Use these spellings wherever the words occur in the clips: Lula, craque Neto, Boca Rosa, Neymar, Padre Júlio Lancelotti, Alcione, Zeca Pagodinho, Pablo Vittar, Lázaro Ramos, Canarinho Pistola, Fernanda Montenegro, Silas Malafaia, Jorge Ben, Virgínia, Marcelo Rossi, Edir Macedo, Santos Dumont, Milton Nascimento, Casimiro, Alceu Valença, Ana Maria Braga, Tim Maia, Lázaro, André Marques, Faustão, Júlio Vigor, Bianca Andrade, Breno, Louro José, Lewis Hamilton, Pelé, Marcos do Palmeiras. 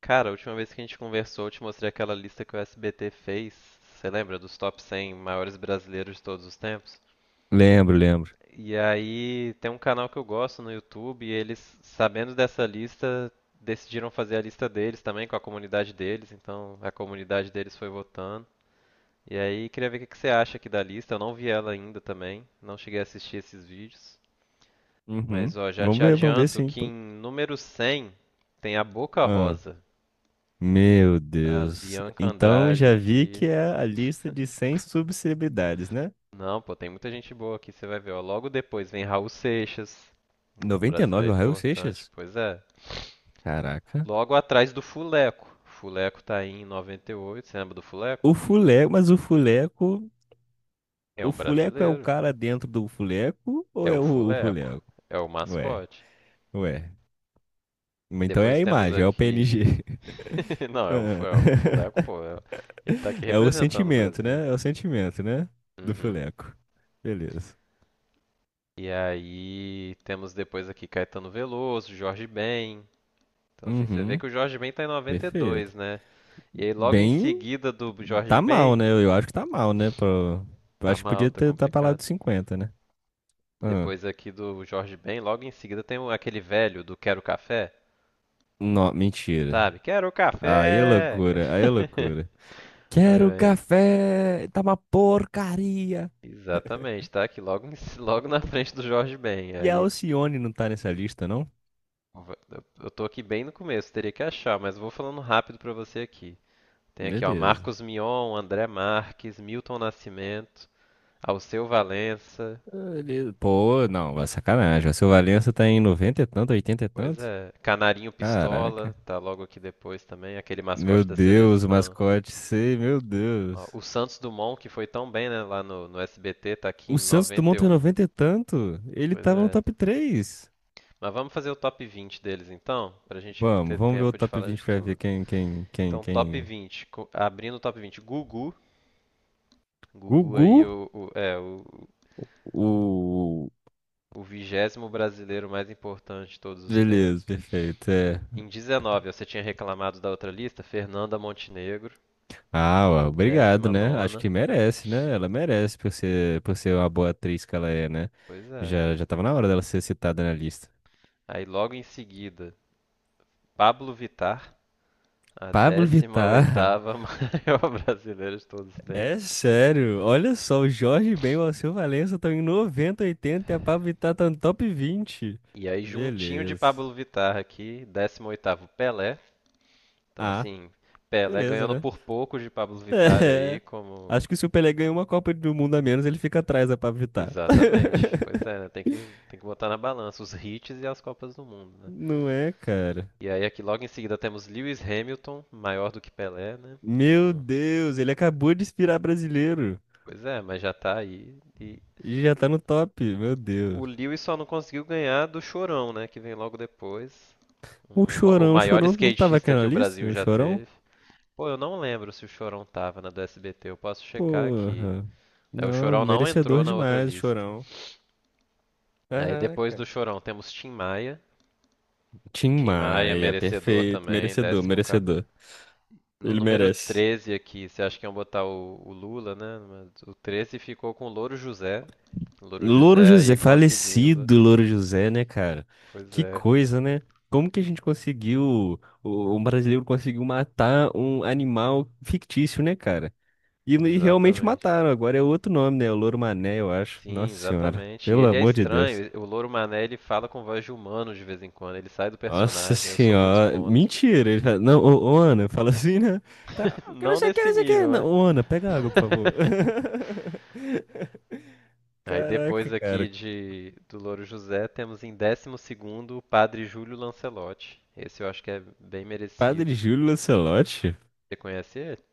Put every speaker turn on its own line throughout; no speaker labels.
Cara, a última vez que a gente conversou, eu te mostrei aquela lista que o SBT fez. Você lembra dos top 100 maiores brasileiros de todos os tempos?
Lembro, lembro.
E aí tem um canal que eu gosto no YouTube e eles, sabendo dessa lista, decidiram fazer a lista deles também com a comunidade deles. Então a comunidade deles foi votando. E aí queria ver o que que você acha aqui da lista. Eu não vi ela ainda também, não cheguei a assistir esses vídeos.
Uhum.
Mas ó, já te
Vamos ver
adianto
sim,
que
pô.
em número 100 tem a Boca
Ah,
Rosa,
meu
a
Deus.
Bianca
Então
Andrade
já vi
aqui.
que é a lista de 100 subcelebridades, né?
Não, pô, tem muita gente boa aqui, você vai ver, ó. Logo depois vem Raul Seixas, um
99 o
brasileiro
Raul
importante,
Seixas?
pois é.
Caraca.
Logo atrás do Fuleco. Fuleco tá aí em 98, você lembra do Fuleco?
O Fuleco, mas
É
o
um
Fuleco é o
brasileiro,
cara dentro do Fuleco ou
é
é
o
o
Fuleco,
Fuleco?
é o
Ué,
mascote.
ué. Então é a
Depois temos
imagem, é o PNG.
aqui. Não, é o
Ah.
Fuleco, pô, ele tá aqui
É o
representando o
sentimento,
Brasil.
né? É o sentimento, né? Do
Uhum.
Fuleco. Beleza.
E aí temos depois aqui Caetano Veloso, Jorge Ben. Então, assim, você vê
Uhum.
que o Jorge Ben tá em
Perfeito.
92, né? E aí, logo em
Bem,
seguida do Jorge
tá mal,
Ben,
né? Eu acho que tá mal, né? Pro... Eu
tá
acho que
mal,
podia
tá
ter tá pra lá
complicado.
dos cinquenta, né? Ah.
Depois aqui do Jorge Ben, logo em seguida tem aquele velho do Quero Café,
Não, mentira.
sabe? Quero
Aí é
café!
loucura, aí é loucura.
Aí
Quero
vem.
café! Tá uma porcaria!
Exatamente, tá aqui logo, logo na frente do Jorge Ben.
E a
Aí
Alcione não tá nessa lista, não?
va- eu tô aqui bem no começo, teria que achar, mas vou falando rápido pra você aqui. Tem aqui, ó,
Beleza.
Marcos Mion, André Marques, Milton Nascimento, Alceu Valença.
Beleza. Pô, não, vai sacanagem. O seu Valença tá em 90 e tanto, 80 e
Pois
tanto?
é. Canarinho Pistola
Caraca.
tá logo aqui depois também, aquele mascote
Meu
da
Deus, o
seleção.
mascote, sei, meu
Ó,
Deus.
o Santos Dumont, que foi tão bem, né, lá no SBT, tá aqui em
O Santos Dumont tem
91.
90 e tanto? Ele
Pois
tava no
é.
top 3.
Mas vamos fazer o top 20 deles então, pra gente
Vamos,
ter
vamos ver o
tempo de
top
falar
20
de
pra ver
tudo.
quem, quem, quem,
Então, top
quem.
20, abrindo o top 20, Gugu. Gugu aí
Gugu?
o, o- é o,
O.
o vigésimo brasileiro mais importante de todos os
Beleza,
tempos.
perfeito. É.
Em 19, você tinha reclamado da outra lista, Fernanda Montenegro,
Ah, ó, obrigado,
décima
né? Acho
nona.
que merece, né? Ela merece por ser uma boa atriz que ela é, né?
Pois é.
Já, já tava na hora dela ser citada na lista.
Aí logo em seguida, Pablo Vittar, a
Pablo
décima
Vittar,
oitava maior brasileira de todos os
é
tempos.
sério. Olha só, o Jorge Ben e o Alceu Valença estão em 90, oitenta, e a Pablo Vittar tá no top 20.
E aí juntinho de
Beleza.
Pablo Vittar aqui, 18 oitavo Pelé. Então
Ah,
assim, Pelé
beleza,
ganhando
né?
por pouco de Pablo Vittar aí
É.
como.
Acho que se o Pelé ganha uma Copa do Mundo a menos, ele fica atrás da Pablo Vittar.
Exatamente. Pois é, né? Tem que botar na balança os hits e as Copas do Mundo, né?
Não é, cara.
E aí aqui logo em seguida temos Lewis Hamilton, maior do que Pelé, né?
Meu Deus, ele acabou de inspirar brasileiro.
Pois é, mas já tá aí. E.
E já tá no top, meu
O
Deus.
Lewis só não conseguiu ganhar do Chorão, né? Que vem logo depois. O
O
maior
Chorão não tava aqui
skatista
na
que o
lista?
Brasil
O
já
Chorão?
teve. Pô, eu não lembro se o Chorão tava na do SBT. Eu posso checar aqui.
Porra.
É, o
Não,
Chorão não
merecedor
entrou na outra
demais, o
lista.
Chorão.
Aí depois do
Caraca.
Chorão temos Tim Maia.
Tim
Tim Maia,
Maia,
merecedor
perfeito,
também.
merecedor,
14.
merecedor.
No
Ele
número
merece.
13 aqui, você acha que iam botar o Lula, né? Mas o 13 ficou com o Louro José. O Louro
Louro
José aí
José,
conseguindo.
falecido Louro José, né, cara?
Pois
Que
é,
coisa, né? Como que a gente conseguiu, um brasileiro conseguiu matar um animal fictício, né, cara? E realmente
exatamente.
mataram, agora é outro nome, né? O Louro Mané, eu acho.
Sim,
Nossa Senhora,
exatamente. E
pelo
ele é
amor de Deus.
estranho. O Louro Mané, ele fala com voz de humano de vez em quando. Ele sai do
Nossa
personagem. Eu sou muito
Senhora,
contra.
mentira. Ele fala, não, ô, Ana, fala assim, né? Tá, eu quero não
Não
sei o que,
nesse
não sei o que.
nível, né?
Não, ô, Ana, pega água, por favor.
Aí
Caraca,
depois aqui
cara.
de do Louro José, temos em décimo segundo o Padre Júlio Lancelotti. Esse eu acho que é bem
Padre
merecido.
Júlio Lancelotti?
Você conhece ele?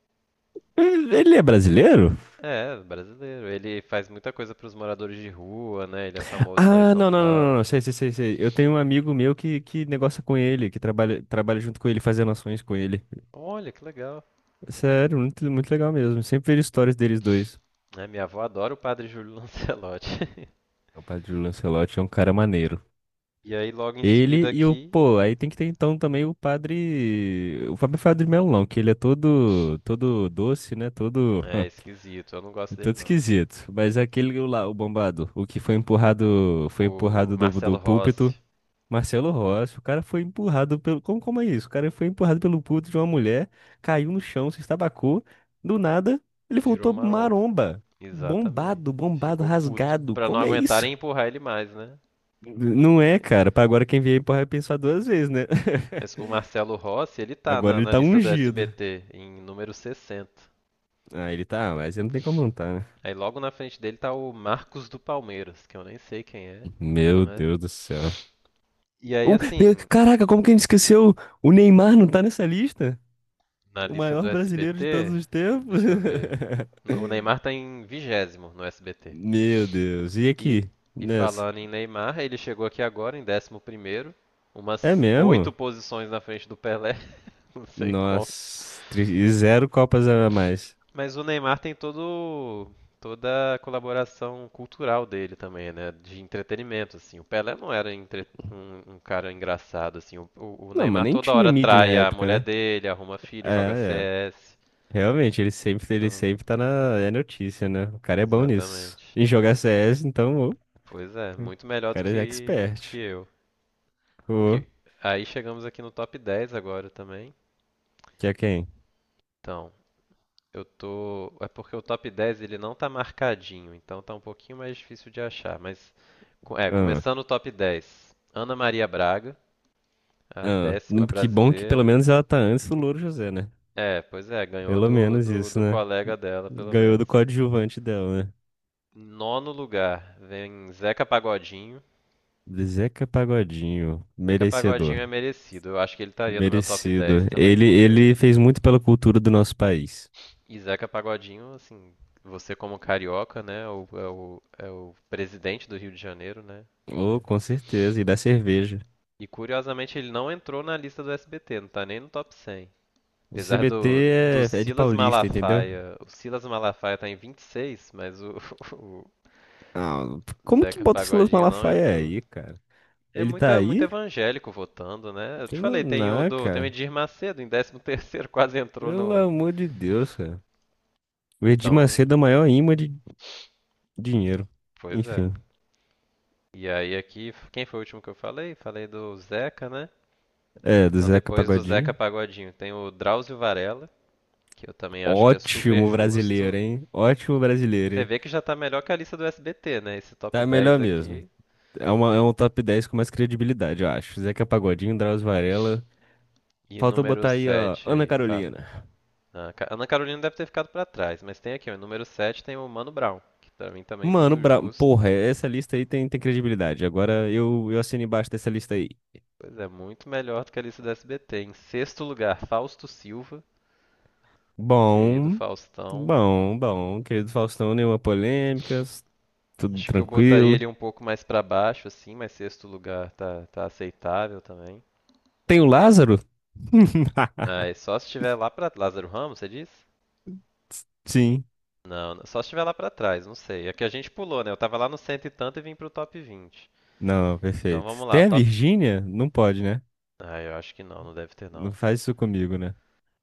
Ele é brasileiro?
É, brasileiro. Ele faz muita coisa para os moradores de rua, né? Ele é famoso lá em
Ah,
São
não, não, não, não,
Paulo.
não.
Pô.
Sei, sei. Eu tenho um amigo meu que negocia com ele, que trabalha, trabalha junto com ele, fazendo ações com ele.
Olha, que legal.
Sério, muito, muito legal mesmo. Sempre vejo histórias deles dois.
É, minha avó adora o Padre Júlio Lancelotti.
O padre Lancelotti é um cara maneiro.
E aí logo em seguida
Ele e o,
aqui.
pô, aí tem que ter então também o padre, o Fábio de Melão, que ele é todo, todo doce, né? Todo,
É esquisito, eu não
é
gosto dele
todo
não.
esquisito. Mas aquele lá, o bombado, o que foi
O
empurrado do,
Marcelo
do
Rossi
púlpito. Marcelo Rossi, o cara foi empurrado pelo. Como, como é isso? O cara foi empurrado pelo puto de uma mulher, caiu no chão, se estabacou. Do nada, ele
virou
voltou
marompa.
maromba.
Exatamente.
Bombado, bombado,
Ficou puto.
rasgado.
Pra não
Como é isso?
aguentarem empurrar ele mais, né? Tipo,
Não é,
é.
cara. Pra agora quem vier porra vai pensar duas vezes, né?
Mas o Marcelo Rossi, ele tá
Agora
na,
ele
na
tá
lista do
ungido.
SBT, em número 60.
Ah, ele tá, mas ele não tem como não tá, né?
Aí logo na frente dele tá o Marcos do Palmeiras, que eu nem sei quem é,
Meu
mas.
Deus do céu.
E aí assim,
Caraca, como que a gente esqueceu? O Neymar não tá nessa lista?
na
O
lista do
maior brasileiro de todos
SBT,
os tempos?
deixa eu ver. O Neymar tá em vigésimo no SBT.
Meu Deus. E
E,
aqui?
e
Nessa?
falando em Neymar, ele chegou aqui agora em décimo primeiro,
É
umas oito
mesmo?
posições na frente do Pelé, não sei como.
Nossa. E zero copas a mais.
Mas o Neymar tem todo toda a colaboração cultural dele também, né? De entretenimento, assim. O Pelé não era um cara engraçado, assim. O
Não, mas
Neymar
nem
toda
tinha
hora
mídia na
trai a
época,
mulher
né?
dele, arruma filho, joga
É, é.
CS.
Realmente, ele
Então,
sempre tá na é notícia, né? O cara é bom nisso.
exatamente.
Em jogar CS, então, ô, o
Pois é, muito melhor do
cara é
que, do que
expert.
eu. O
Ô,
que, aí chegamos aqui no top 10 agora também.
que é quem?
Então, eu tô. É porque o top 10 ele não tá marcadinho, então tá um pouquinho mais difícil de achar. Mas,
Ah,
começando o top 10. Ana Maria Braga, a
ah.
décima
Que bom que pelo
brasileira.
menos ela tá antes do Louro José, né?
É, pois é, ganhou
Pelo
do,
menos
do,
isso,
do
né?
colega dela, pelo
Ganhou do
menos.
coadjuvante dela, né?
Nono lugar, vem Zeca Pagodinho.
Zeca Pagodinho,
Zeca Pagodinho
merecedor.
é merecido. Eu acho que ele estaria no meu top 10
Merecido.
também,
Ele,
porque.
ele fez muito pela cultura do nosso país.
E Zeca Pagodinho, assim, você como carioca, né? É o presidente do Rio de Janeiro, né?
Oh, com certeza. E da cerveja.
E curiosamente ele não entrou na lista do SBT, não tá nem no top 100.
O
Apesar
CBT
do
é, é de
Silas
paulista, entendeu?
Malafaia. O Silas Malafaia tá em 26, mas o, o
Ah, como que
Zeca
bota o Silas
Pagodinho não
Malafaia
entrou.
aí, cara?
É
Ele tá
muita, muito
aí?
evangélico votando, né? Eu te
Pelo
falei, tem o
na,
do, tem o
cara.
Edir Macedo em 13º, quase entrou
Pelo
no.
amor de Deus, cara. O Edir
Então,
Macedo é o maior imã de dinheiro.
pois é.
Enfim.
E aí aqui, quem foi o último que eu falei? Falei do Zeca, né?
É, do
Então
Zeca
depois do Zeca
Pagodinho.
Pagodinho tem o Drauzio Varela, que eu também acho que é super
Ótimo brasileiro,
justo.
hein? Ótimo brasileiro,
Você
hein?
vê que já tá melhor que a lista do SBT, né? Esse top
Tá
10
melhor mesmo.
aqui.
É, uma, é um top 10 com mais credibilidade, eu acho. Zeca Pagodinho, Drauzio Varela.
E
Faltou
número
botar aí, ó,
7
Ana
aí, fala.
Carolina.
Ah, Ana Carolina deve ter ficado pra trás, mas tem aqui, ó, número 7, tem o Mano Brown, que pra mim também é
Mano,
muito
bra...
justo.
porra, essa lista aí tem, tem credibilidade. Agora eu assino embaixo dessa lista aí.
Pois é, muito melhor do que a lista do SBT. Em sexto lugar, Fausto Silva, querido
Bom,
Faustão.
bom. Querido Faustão, nenhuma polêmica, tudo
Acho que eu botaria
tranquilo.
ele um pouco mais pra baixo, assim, mas sexto lugar tá aceitável também.
Tem o Lázaro?
Ah, e só se tiver lá pra Lázaro Ramos, você diz?
Sim.
Não, só se estiver lá pra trás, não sei. É que a gente pulou, né? Eu tava lá no cento e tanto e vim pro top 20.
Não,
Então
perfeito.
vamos lá,
Tem a
top.
Virgínia? Não pode, né?
Ah, eu acho que não, não deve ter
Não
não.
faz isso comigo, né?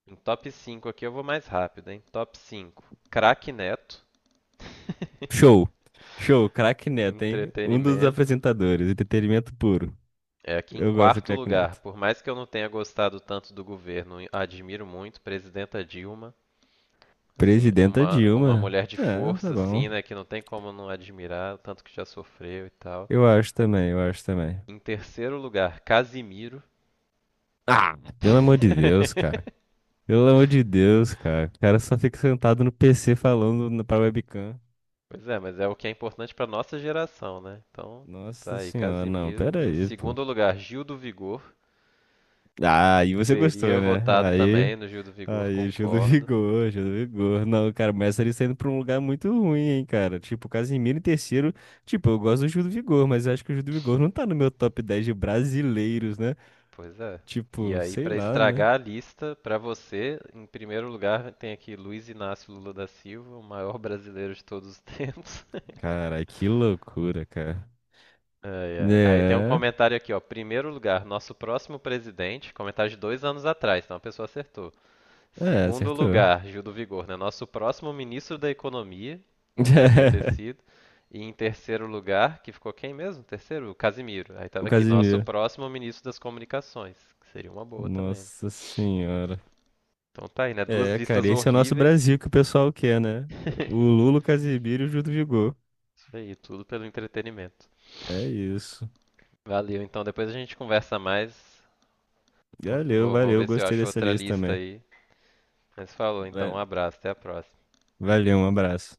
Em top cinco aqui eu vou mais rápido, hein? Top 5. Craque Neto.
Show. Show, craque Neto, hein? Um dos
Entretenimento.
apresentadores, entretenimento puro.
É aqui em
Eu gosto do
quarto
craque
lugar.
Neto.
Por mais que eu não tenha gostado tanto do governo, admiro muito presidenta Dilma. Assim,
Presidenta
uma
Dilma.
mulher de
É, tá
força,
bom.
assim, né? Que não tem como não admirar, o tanto que já sofreu e tal.
Eu acho também, eu acho também.
Em terceiro lugar, Casimiro.
Ah, pelo amor de Deus, cara. Pelo amor de Deus, cara. O cara só fica sentado no PC falando pra webcam.
Pois é, mas é o que é importante para nossa geração, né? Então, tá
Nossa
aí,
senhora, não,
Casimiro.
pera
Em
aí, pô.
segundo lugar, Gil do Vigor.
Ah, aí você gostou,
Teria
né?
votado
Aí,
também no Gil do Vigor,
aí, Júlio
concordo.
Vigor, Júlio Vigor. Não, cara, mas ele saindo pra um lugar muito ruim, hein, cara. Tipo, Casimiro em terceiro. Tipo, eu gosto do Júlio Vigor, mas eu acho que o Júlio Vigor não tá no meu top 10 de brasileiros, né?
Pois é. E
Tipo,
aí,
sei
para
lá, né?
estragar a lista, para você, em primeiro lugar, tem aqui Luiz Inácio Lula da Silva, o maior brasileiro de todos os tempos.
Cara, que loucura, cara.
Ai, ai. Aí tem um
É.
comentário aqui, ó. Primeiro lugar, nosso próximo presidente. Comentário de 2 anos atrás, então a pessoa acertou.
É,
Segundo
acertou.
lugar, Gil do Vigor, né? Nosso próximo ministro da Economia, podia ter sido. E em terceiro lugar, que ficou quem mesmo? Terceiro? O Casimiro. Aí
O
tava aqui, nosso
Casimiro.
próximo ministro das Comunicações, que seria uma boa também.
Nossa senhora.
Então tá aí, né? Duas
É,
listas
cara, esse é o nosso
horríveis.
Brasil que o pessoal quer, né? O
Isso
Lula, o Casimiro e o Gil do Vigor.
aí, tudo pelo entretenimento.
É isso.
Valeu, então depois a gente conversa mais.
Valeu,
Vou ver
valeu.
se eu
Gostei
acho
dessa
outra
lista
lista
também.
aí. Mas falou, então, um
Va-
abraço, até a próxima.
Valeu, um abraço.